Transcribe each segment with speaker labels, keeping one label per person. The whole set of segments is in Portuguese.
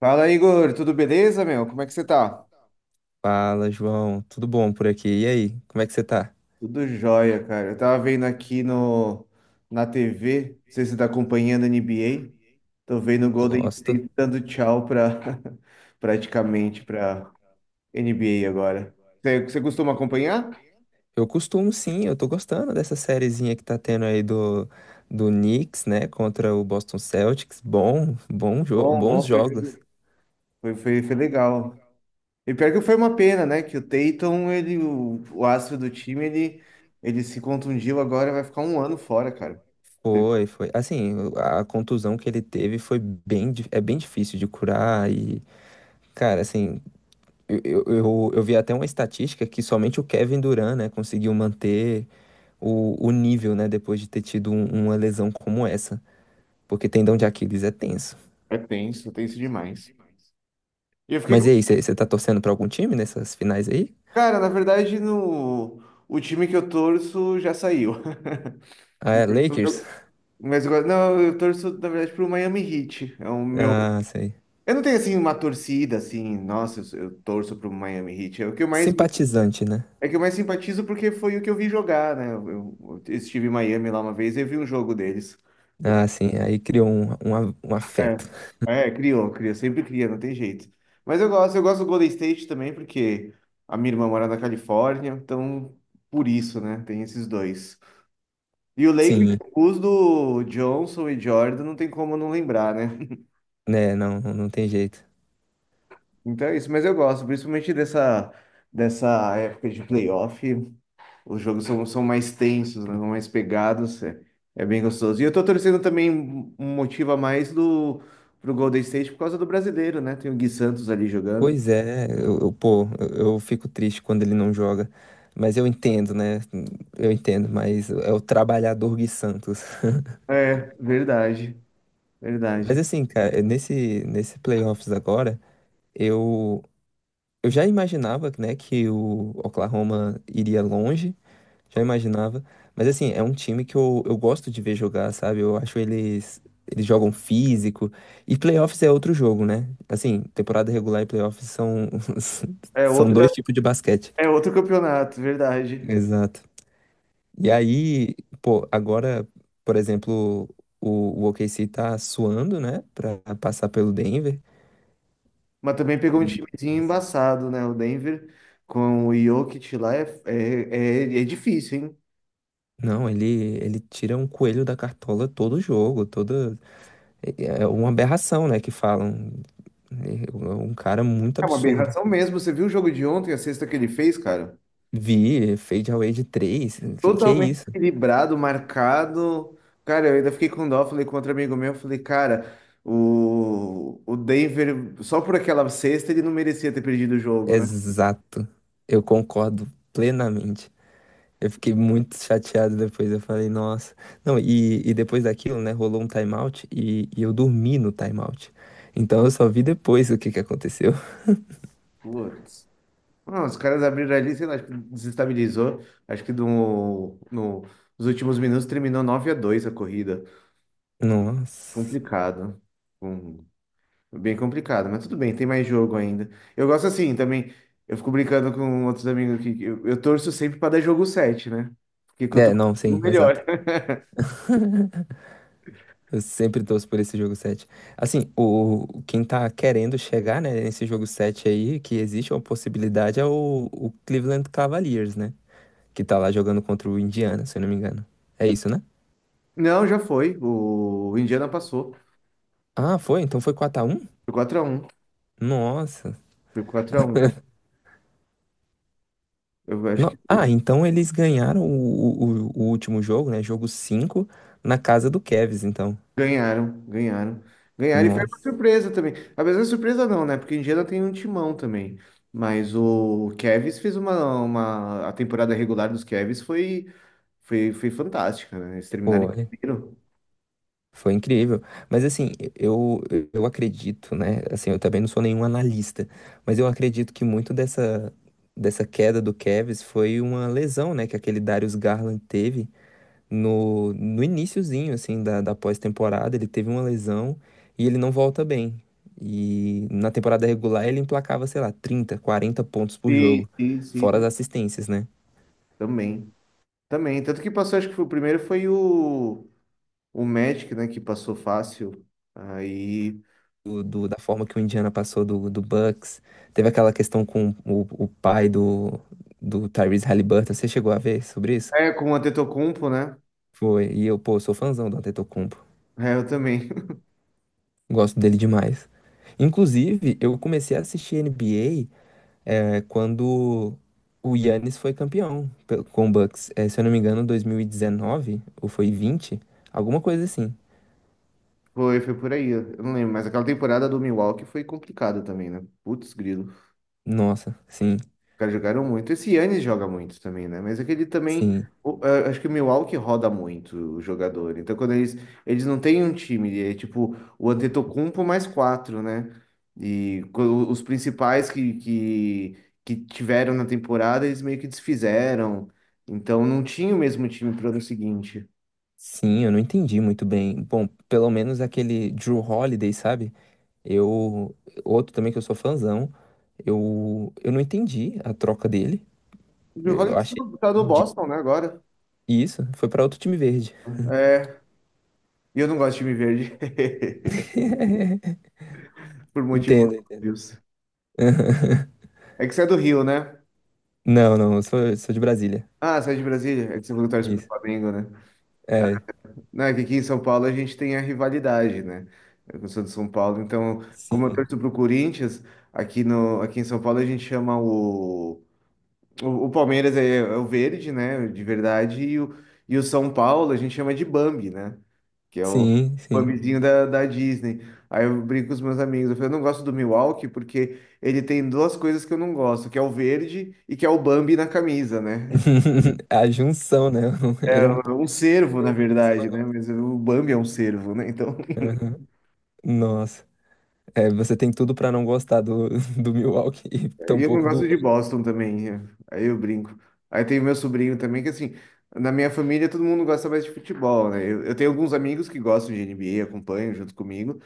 Speaker 1: Fala, Igor, tudo beleza, meu? Como é que você tá?
Speaker 2: Fala, João. Tudo bom por aqui? E aí, como é que você tá?
Speaker 1: Tudo jóia, cara. Eu tava vendo aqui na TV, não sei se você tá acompanhando a NBA. Tô vendo o Golden
Speaker 2: Gosto.
Speaker 1: State dando tchau praticamente pra NBA agora. Você costuma acompanhar?
Speaker 2: Eu costumo sim, eu tô gostando dessa sériezinha que tá tendo aí do Knicks, né, contra o Boston Celtics. Bom, bom jo
Speaker 1: Bom,
Speaker 2: bons
Speaker 1: bom, foi,
Speaker 2: jogos.
Speaker 1: foi, foi foi legal. E pior que foi uma pena, né? Que o Tatum, o astro do time, ele se contundiu agora, vai ficar um ano fora, cara.
Speaker 2: Foi, foi. Assim, a contusão que ele teve foi bem, é bem difícil de curar e, cara, assim, eu vi até uma estatística que somente o Kevin Durant, né, conseguiu manter o nível, né, depois de ter tido uma lesão como essa. Porque tendão de Aquiles é tenso.
Speaker 1: É tenso, tenso demais. E eu fiquei
Speaker 2: Mas
Speaker 1: com.
Speaker 2: e aí, você tá torcendo pra algum time nessas finais aí?
Speaker 1: Cara, na verdade, no... o time que eu torço já saiu.
Speaker 2: Ah, é Lakers?
Speaker 1: Mas agora, não, eu torço, na verdade, pro Miami Heat. É o meu.
Speaker 2: Ah, sei.
Speaker 1: Eu não tenho assim uma torcida assim, nossa, eu torço pro Miami Heat. É o que eu mais
Speaker 2: Simpatizante, né?
Speaker 1: É o que eu mais simpatizo porque foi o que eu vi jogar, né? Eu estive em Miami lá uma vez e eu vi um jogo deles. Eu-
Speaker 2: Ah, sim, aí criou um
Speaker 1: É,
Speaker 2: afeto.
Speaker 1: é, criou, cria, sempre cria, não tem jeito. Mas eu gosto do Golden State também porque a minha irmã mora na Califórnia, então por isso, né? Tem esses dois. E o Lakers,
Speaker 2: Sim,
Speaker 1: os do Johnson e Jordan, não tem como não lembrar, né?
Speaker 2: né, não, não tem jeito.
Speaker 1: Então é isso, mas eu gosto, principalmente dessa época de playoff. Os jogos são mais tensos, né? São mais pegados, é bem gostoso. E eu tô torcendo também um motivo a mais pro Golden State por causa do brasileiro, né? Tem o Gui Santos ali jogando.
Speaker 2: Pois é, pô, eu fico triste quando ele não joga. Mas eu entendo, né? Eu entendo, mas é o trabalhador Gui Santos.
Speaker 1: É, verdade,
Speaker 2: Mas
Speaker 1: verdade.
Speaker 2: assim, cara, nesse playoffs agora, eu, eu já imaginava, né, que o Oklahoma iria longe, já imaginava. Mas assim, é um time que eu gosto de ver jogar, sabe? Eu acho eles jogam físico. E playoffs é outro jogo, né? Assim, temporada regular e playoffs são,
Speaker 1: É
Speaker 2: são dois
Speaker 1: outra,
Speaker 2: tipos de basquete.
Speaker 1: é outro campeonato, verdade.
Speaker 2: Exato. E aí, pô, agora, por exemplo, o OKC tá suando, né, pra passar pelo Denver.
Speaker 1: Mas também pegou um
Speaker 2: E,
Speaker 1: timezinho
Speaker 2: nossa,
Speaker 1: embaçado, né? O Denver com o Jokic lá é difícil, hein?
Speaker 2: não, ele tira um coelho da cartola todo jogo, toda. É uma aberração, né? Que falam. É um cara muito
Speaker 1: É uma
Speaker 2: absurdo.
Speaker 1: aberração mesmo. Você viu o jogo de ontem, a sexta que ele fez, cara?
Speaker 2: Vi Fade Away de 3. Que é
Speaker 1: Totalmente
Speaker 2: isso?
Speaker 1: equilibrado, marcado. Cara, eu ainda fiquei com dó, falei com outro amigo meu, falei, cara, o Denver, só por aquela sexta, ele não merecia ter perdido o jogo, né?
Speaker 2: Exato. Eu concordo plenamente. Eu fiquei muito chateado depois. Eu falei, nossa. Não, e, depois daquilo, né? Rolou um timeout e eu dormi no timeout. Então eu só vi depois o que que aconteceu.
Speaker 1: Putz. Não, os caras abriram ali, sei lá, acho que desestabilizou. Acho que nos últimos minutos terminou 9 a 2 a corrida.
Speaker 2: Nossa.
Speaker 1: Complicado. Hum, bem complicado, mas tudo bem, tem mais jogo ainda. Eu gosto assim também. Eu fico brincando com outros amigos aqui. Que eu torço sempre para dar jogo sete, né? Porque
Speaker 2: É,
Speaker 1: quanto
Speaker 2: não,
Speaker 1: o
Speaker 2: sim, exato.
Speaker 1: melhor.
Speaker 2: Eu sempre torço por esse jogo 7. Assim, quem tá querendo chegar, né, nesse jogo 7 aí, que existe uma possibilidade, é o Cleveland Cavaliers, né? Que tá lá jogando contra o Indiana, se eu não me engano. É isso, né?
Speaker 1: Não, já foi. O Indiana passou.
Speaker 2: Ah, foi? Então foi 4-1.
Speaker 1: Foi 4-1.
Speaker 2: Nossa.
Speaker 1: Foi 4-1. Eu acho que
Speaker 2: Ah, então eles ganharam o último jogo, né? Jogo 5 na casa do Cavs, então.
Speaker 1: ganharam, ganharam. Ganharam e foi
Speaker 2: Nossa.
Speaker 1: uma surpresa também. Apesar de surpresa não, né? Porque o Indiana tem um timão também. Mas o Cavs fez A temporada regular dos Cavs foi fantástica, né? Eles terminaram em
Speaker 2: Pô,
Speaker 1: primeiro.
Speaker 2: foi incrível. Mas assim, eu acredito, né? Assim, eu também não sou nenhum analista, mas eu acredito que muito dessa queda do Cavs foi uma lesão, né? Que aquele Darius Garland teve no iniciozinho, assim, da pós-temporada. Ele teve uma lesão e ele não volta bem. E na temporada regular ele emplacava, sei lá, 30, 40 pontos por
Speaker 1: Sim,
Speaker 2: jogo,
Speaker 1: sim, sim,
Speaker 2: fora as assistências, né?
Speaker 1: também. Também. Tanto que passou, acho que foi o primeiro, foi o Magic, né? Que passou fácil. Aí.
Speaker 2: Da forma que o Indiana passou do Bucks. Teve aquela questão com o pai do Tyrese Halliburton. Você chegou a ver sobre isso?
Speaker 1: É, com o Antetokounmpo, né?
Speaker 2: Foi. E eu, pô, sou fãzão do Antetokounmpo.
Speaker 1: É, eu também.
Speaker 2: Gosto dele demais. Inclusive, eu comecei a assistir NBA é, quando o Giannis foi campeão com o Bucks. É, se eu não me engano, 2019 ou foi 20, alguma coisa assim.
Speaker 1: Foi por aí. Eu não lembro. Mas aquela temporada do Milwaukee foi complicada também, né? Putz, grilo.
Speaker 2: Nossa, sim,
Speaker 1: Caras jogaram muito. Esse Yannis joga muito também, né? Mas aquele também.
Speaker 2: sim,
Speaker 1: Acho que o Milwaukee roda muito o jogador. Então, quando eles. Eles não têm um time, é tipo o Antetokounmpo mais quatro, né? E os principais que tiveram na temporada, eles meio que desfizeram. Então, não tinha o mesmo time pro ano seguinte.
Speaker 2: sim, eu não entendi muito bem. Bom, pelo menos aquele Drew Holiday, sabe? Eu, outro também que eu sou fãzão, eu não entendi a troca dele.
Speaker 1: O Bill
Speaker 2: Eu
Speaker 1: tá
Speaker 2: achei
Speaker 1: do tá do Boston,
Speaker 2: ridículo.
Speaker 1: né, agora.
Speaker 2: E isso, foi pra outro time verde.
Speaker 1: É. E eu não gosto de time verde. Por motivos
Speaker 2: Entendo, entendo.
Speaker 1: óbvios. É que você é do Rio, né?
Speaker 2: Não, não, eu sou de Brasília.
Speaker 1: Ah, você é de Brasília? É que você falou que torce pro
Speaker 2: Isso.
Speaker 1: Flamengo, né? Não, é que aqui em São Paulo a gente tem a rivalidade, né? Eu sou de São Paulo, então, como eu
Speaker 2: Sim,
Speaker 1: torço pro Corinthians, aqui, no, aqui em São Paulo a gente chama o. O Palmeiras é o verde, né? De verdade, e o São Paulo a gente chama de Bambi, né? Que é o
Speaker 2: sim, sim.
Speaker 1: Bambizinho da Disney. Aí eu brinco com os meus amigos, eu falo, eu não gosto do Milwaukee porque ele tem duas coisas que eu não gosto, que é o verde e que é o Bambi na camisa, né?
Speaker 2: A junção, né?
Speaker 1: É
Speaker 2: Ele
Speaker 1: é
Speaker 2: é um pouco
Speaker 1: um cervo, na
Speaker 2: perdedor do que você
Speaker 1: verdade,
Speaker 2: não
Speaker 1: né?
Speaker 2: gosta.
Speaker 1: Mas o Bambi é um cervo, né? Então.
Speaker 2: Aham. Nossa, é, você tem tudo pra não gostar do Milwaukee e
Speaker 1: E eu não
Speaker 2: tampouco do.
Speaker 1: gosto de Boston também. É. Aí eu brinco. Aí tem o meu sobrinho também, que assim, na minha família todo mundo gosta mais de futebol, né? Eu tenho alguns amigos que gostam de NBA, acompanham junto comigo.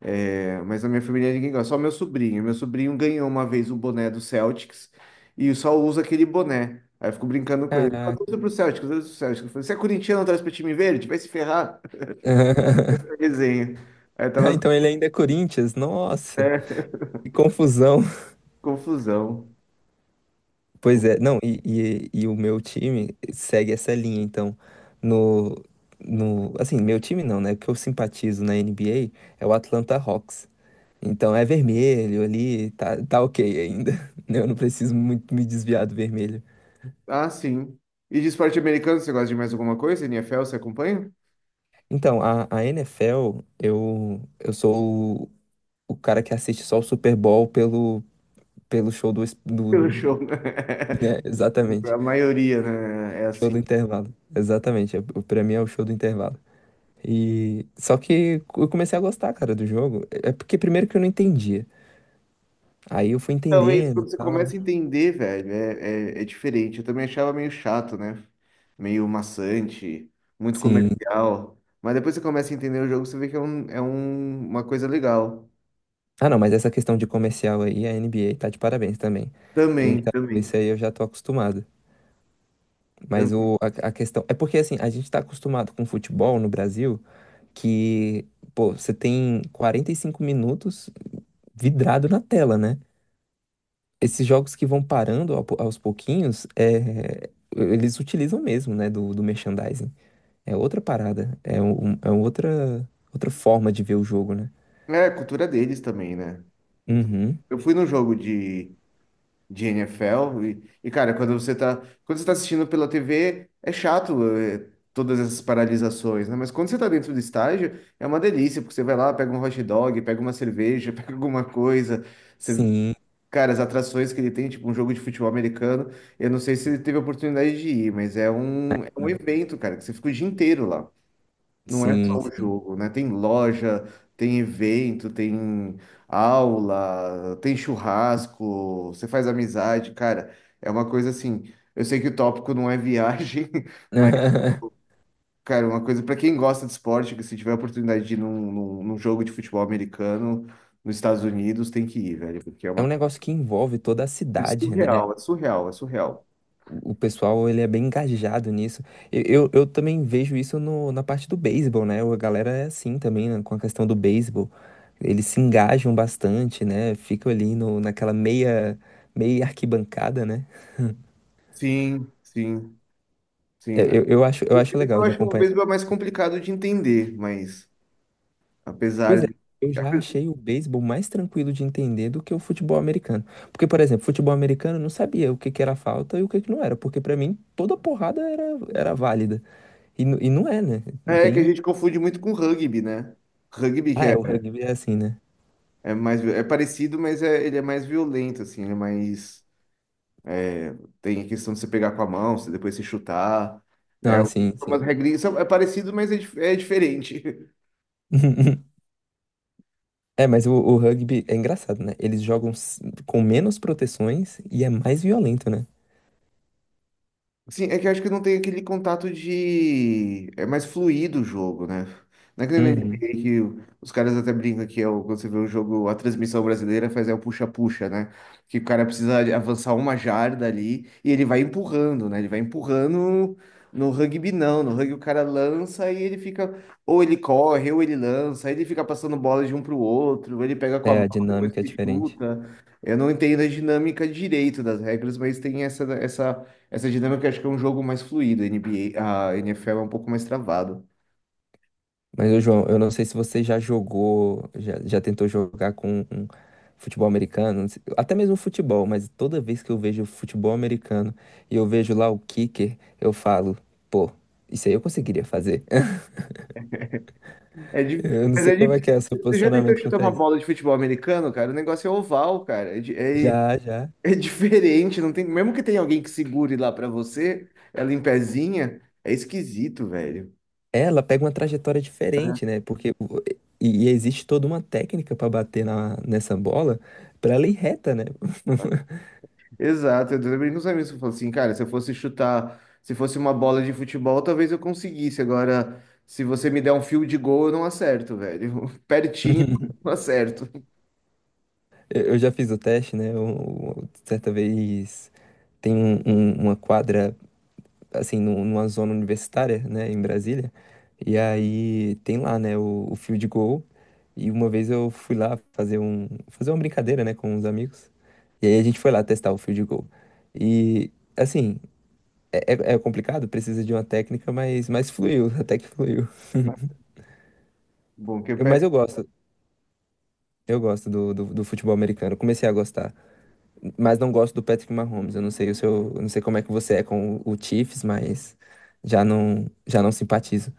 Speaker 1: É, mas na minha família ninguém gosta, só meu sobrinho. Meu sobrinho ganhou uma vez o boné do Celtics e só usa aquele boné. Aí eu fico brincando com ele. Eu torço
Speaker 2: Caraca.
Speaker 1: pro Celtics, eu torço pro Celtics. Eu falei, você é corintiano, traz pra time verde? Vai se ferrar. Resenha. Aí
Speaker 2: Ah,
Speaker 1: tava
Speaker 2: então ele ainda é Corinthians? Nossa, que confusão.
Speaker 1: confusão.
Speaker 2: Pois é, não, e, e o meu time segue essa linha, então, no, no, assim, meu time não, né, o que eu simpatizo na NBA é o Atlanta Hawks, então é vermelho ali, tá, tá ok ainda, né, eu não preciso muito me desviar do vermelho.
Speaker 1: Ah, sim. E de esporte americano, você gosta de mais alguma coisa? NFL, você acompanha?
Speaker 2: Então, a NFL, eu sou o cara que assiste só o Super Bowl pelo show do,
Speaker 1: Pelo show, né?
Speaker 2: né, exatamente,
Speaker 1: A maioria, né? É
Speaker 2: show do
Speaker 1: assim.
Speaker 2: intervalo, exatamente, é, pra mim é o show do intervalo. E só que eu comecei a gostar, cara, do jogo. É porque primeiro que eu não entendia. Aí eu fui
Speaker 1: Então, é isso,
Speaker 2: entendendo e
Speaker 1: quando você
Speaker 2: tal.
Speaker 1: começa a entender, velho, é diferente. Eu também achava meio chato, né? Meio maçante, muito
Speaker 2: Sim.
Speaker 1: comercial. Mas depois você começa a entender o jogo, você vê que é uma coisa legal.
Speaker 2: Ah, não, mas essa questão de comercial aí, a NBA tá de parabéns também.
Speaker 1: Também,
Speaker 2: Então,
Speaker 1: também,
Speaker 2: isso aí eu já tô acostumado. Mas
Speaker 1: também.
Speaker 2: a questão. É porque assim, a gente tá acostumado com futebol no Brasil que, pô, você tem 45 minutos vidrado na tela, né? Esses jogos que vão parando aos pouquinhos, é, eles utilizam mesmo, né, do merchandising. É outra parada. É, é outra forma de ver o jogo, né?
Speaker 1: É, a cultura deles também, né? Então,
Speaker 2: Uhum.
Speaker 1: eu fui no jogo de NFL. Cara, quando você tá assistindo pela TV, é chato, todas essas paralisações, né? Mas quando você tá dentro do estádio, é uma delícia, porque você vai lá, pega um hot dog, pega uma cerveja, pega alguma coisa. Você,
Speaker 2: Sim.
Speaker 1: cara, as atrações que ele tem, tipo um jogo de futebol americano, eu não sei se ele teve a oportunidade de ir, mas é um evento, cara, que você fica o dia inteiro lá. Não é
Speaker 2: Sim,
Speaker 1: só o
Speaker 2: sim.
Speaker 1: jogo, né? Tem loja, tem evento, tem aula, tem churrasco, você faz amizade, cara. É uma coisa assim. Eu sei que o tópico não é viagem, mas, cara, uma coisa para quem gosta de esporte, que se tiver a oportunidade de ir num jogo de futebol americano nos Estados Unidos, tem que ir, velho, porque é
Speaker 2: É
Speaker 1: uma
Speaker 2: um
Speaker 1: coisa.
Speaker 2: negócio que envolve toda a
Speaker 1: É
Speaker 2: cidade, né?
Speaker 1: surreal, é surreal, é surreal.
Speaker 2: O pessoal, ele é bem engajado nisso. Eu também vejo isso no, na parte do beisebol, né? A galera é assim também, né? Com a questão do beisebol. Eles se engajam bastante, né? Ficam ali no, naquela meia arquibancada, né?
Speaker 1: Sim, sim,
Speaker 2: É,
Speaker 1: sim.
Speaker 2: Eu, eu acho, eu
Speaker 1: O
Speaker 2: acho legal
Speaker 1: beisebol, eu
Speaker 2: de
Speaker 1: acho que o
Speaker 2: acompanhar.
Speaker 1: beisebol é mais complicado de entender, mas
Speaker 2: Pois
Speaker 1: apesar
Speaker 2: é,
Speaker 1: de.
Speaker 2: eu já achei o beisebol mais tranquilo de entender do que o futebol americano. Porque, por exemplo, futebol americano eu não sabia o que que era falta e o que que não era. Porque pra mim toda porrada era, válida. E, e não é, né?
Speaker 1: É que a
Speaker 2: Tem.
Speaker 1: gente confunde muito com rugby, né? Rugby que
Speaker 2: Ah, é, o rugby é assim, né?
Speaker 1: é parecido, mas ele é mais violento, assim, ele é mais é, tem a questão de você pegar com a mão, você depois se chutar.
Speaker 2: Não,
Speaker 1: É
Speaker 2: assim, sim,
Speaker 1: umas
Speaker 2: sim.
Speaker 1: regrinhas, é parecido, mas é diferente.
Speaker 2: É, mas o rugby é engraçado, né? Eles jogam com menos proteções e é mais violento, né?
Speaker 1: Sim, é que eu acho que não tem aquele contato de. É mais fluido o jogo, né? Não é que nem na
Speaker 2: Uhum.
Speaker 1: NBA que os caras até brincam que é o, quando você vê o jogo, a transmissão brasileira faz é o puxa-puxa, né? Que o cara precisa avançar uma jarda ali e ele vai empurrando, né? Ele vai empurrando no rugby, não. No rugby o cara lança e ele fica. Ou ele corre, ou ele lança, aí ele fica passando bola de um pro outro, ou ele pega com a
Speaker 2: É,
Speaker 1: mão,
Speaker 2: a
Speaker 1: depois
Speaker 2: dinâmica é
Speaker 1: ele
Speaker 2: diferente.
Speaker 1: chuta. Eu não entendo a dinâmica direito das regras, mas tem essa dinâmica acho que é um jogo mais fluido, a NBA, a NFL é um pouco mais travado.
Speaker 2: Mas, ô João, eu não sei se você já jogou, já tentou jogar com um futebol americano, não sei- até mesmo futebol, mas toda vez que eu vejo futebol americano e eu vejo lá o kicker, eu falo, pô, isso aí eu conseguiria fazer.
Speaker 1: É di-
Speaker 2: Eu não
Speaker 1: Mas
Speaker 2: sei
Speaker 1: é
Speaker 2: como é que
Speaker 1: difícil.
Speaker 2: é o seu
Speaker 1: Você já tentou
Speaker 2: posicionamento
Speaker 1: chutar
Speaker 2: quanto a
Speaker 1: uma
Speaker 2: isso.
Speaker 1: bola de futebol americano, cara? O negócio é oval, cara. É, di- é-
Speaker 2: Já, já.
Speaker 1: é diferente, não tem. Mesmo que tenha alguém que segure lá pra você, ela em pezinha, é esquisito, velho.
Speaker 2: Ela pega uma trajetória diferente, né? Porque e existe toda uma técnica pra bater nessa bola pra ela ir reta, né?
Speaker 1: Exato, eu também não amigos se eu falo assim, cara, se eu fosse chutar, se fosse uma bola de futebol, talvez eu conseguisse. Agora, se você me der um fio de gol, eu não acerto, velho. Pertinho, eu não acerto.
Speaker 2: Eu já fiz o teste, né? Eu, certa vez. Tem uma quadra, assim, numa zona universitária, né, em Brasília. E aí tem lá, né, o field goal. E uma vez eu fui lá fazer fazer uma brincadeira, né, com os amigos. E aí a gente foi lá testar o field goal. E, assim, é complicado, precisa de uma técnica, mas fluiu, até que fluiu.
Speaker 1: Bom, que eu.
Speaker 2: Mas eu gosto do futebol americano. Comecei a gostar. Mas não gosto do Patrick Mahomes. Eu não sei o seu, eu não sei como é que você é com o Chiefs, mas já não simpatizo.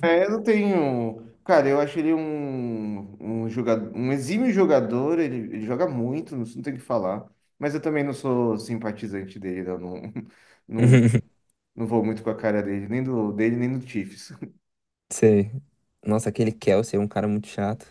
Speaker 1: É, eu não tenho. Cara, eu acho ele um, um exímio jogador, ele joga muito, não tem o que falar. Mas eu também não sou simpatizante dele, eu não, não, não vou muito com a cara dele, nem do Chiefs.
Speaker 2: Sei. Nossa, aquele Kelsey é um cara muito chato,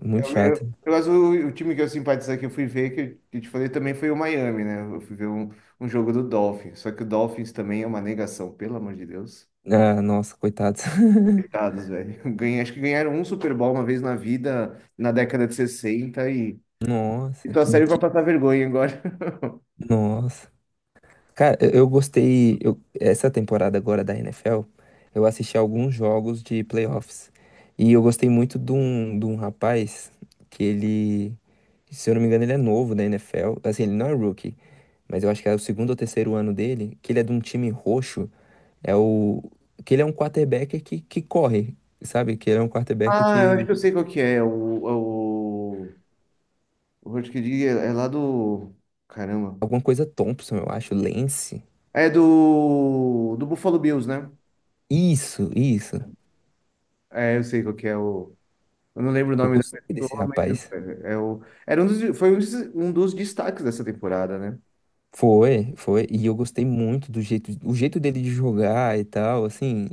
Speaker 2: muito chato.
Speaker 1: Mas o time que eu simpatizei que eu fui ver, que eu te falei também, foi o Miami, né? Eu fui ver um jogo do Dolphins. Só que o Dolphins também é uma negação, pelo amor de Deus.
Speaker 2: Ah, nossa, coitado.
Speaker 1: Coitados, velho. Ganhei, acho que ganharam um Super Bowl uma vez na vida, na década de 60 e.
Speaker 2: Nossa,
Speaker 1: Então serve vai passar vergonha agora.
Speaker 2: nossa. Cara, eu gostei. Essa temporada agora da NFL, eu assisti alguns jogos de playoffs. E eu gostei muito de um rapaz que ele, se eu não me engano, ele é novo da NFL. Assim, ele não é rookie. Mas eu acho que é o segundo ou terceiro ano dele, que ele é de um time roxo, é o que ele é um quarterback que corre, sabe? Que ele é um quarterback
Speaker 1: Ah, eu acho
Speaker 2: que
Speaker 1: que eu sei qual que é. É o Hurt Kid é lá do. Caramba.
Speaker 2: alguma coisa Thompson, eu acho, Lance.
Speaker 1: É do. Do Buffalo Bills, né?
Speaker 2: Isso, isso.
Speaker 1: É, eu sei qual que é o. Eu não lembro o
Speaker 2: Eu
Speaker 1: nome da
Speaker 2: gostei desse
Speaker 1: pessoa, mas
Speaker 2: rapaz.
Speaker 1: é o. Era um dos, foi um dos destaques dessa temporada, né?
Speaker 2: Foi, foi, e eu gostei muito o jeito dele de jogar e tal, assim,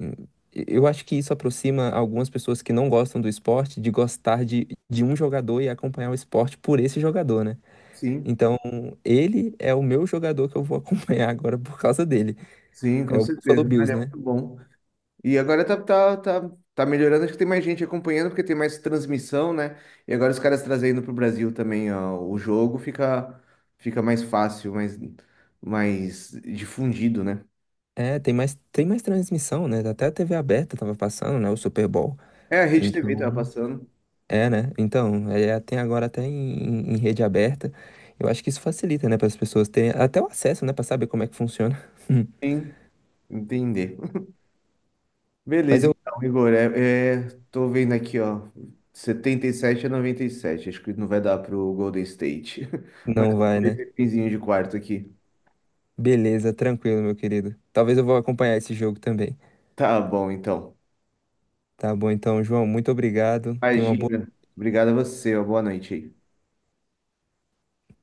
Speaker 2: eu acho que isso aproxima algumas pessoas que não gostam do esporte de gostar de um jogador e acompanhar o esporte por esse jogador, né?
Speaker 1: Sim,
Speaker 2: Então, ele é o meu jogador que eu vou acompanhar agora por causa dele.
Speaker 1: sim,
Speaker 2: É
Speaker 1: com
Speaker 2: o Buffalo
Speaker 1: certeza. Ele
Speaker 2: Bills,
Speaker 1: é
Speaker 2: né?
Speaker 1: muito bom. E agora tá melhorando, acho que tem mais gente acompanhando, porque tem mais transmissão, né? E agora os caras trazendo pro Brasil também, ó, o jogo fica, mais fácil, mais difundido, né?
Speaker 2: É, tem mais transmissão, né? Até a TV aberta tava passando, né? O Super Bowl.
Speaker 1: É, a Rede TV tava
Speaker 2: Então,
Speaker 1: passando.
Speaker 2: é, né? Então, é, tem agora até em, rede aberta. Eu acho que isso facilita, né? Para as pessoas terem até o acesso, né? Para saber como é que funciona.
Speaker 1: Sim, entender.
Speaker 2: Mas
Speaker 1: Beleza,
Speaker 2: eu.
Speaker 1: então, Igor, tô vendo aqui, ó, 77-97, acho que não vai dar pro Golden State, mas
Speaker 2: Não
Speaker 1: eu vou
Speaker 2: vai,
Speaker 1: ver
Speaker 2: né?
Speaker 1: esse pinzinho de quarto aqui.
Speaker 2: Beleza, tranquilo, meu querido. Talvez eu vou acompanhar esse jogo também.
Speaker 1: Tá bom, então.
Speaker 2: Tá bom, então, João, muito obrigado. Tenha uma boa.
Speaker 1: Imagina. Obrigado a você, ó, boa noite aí.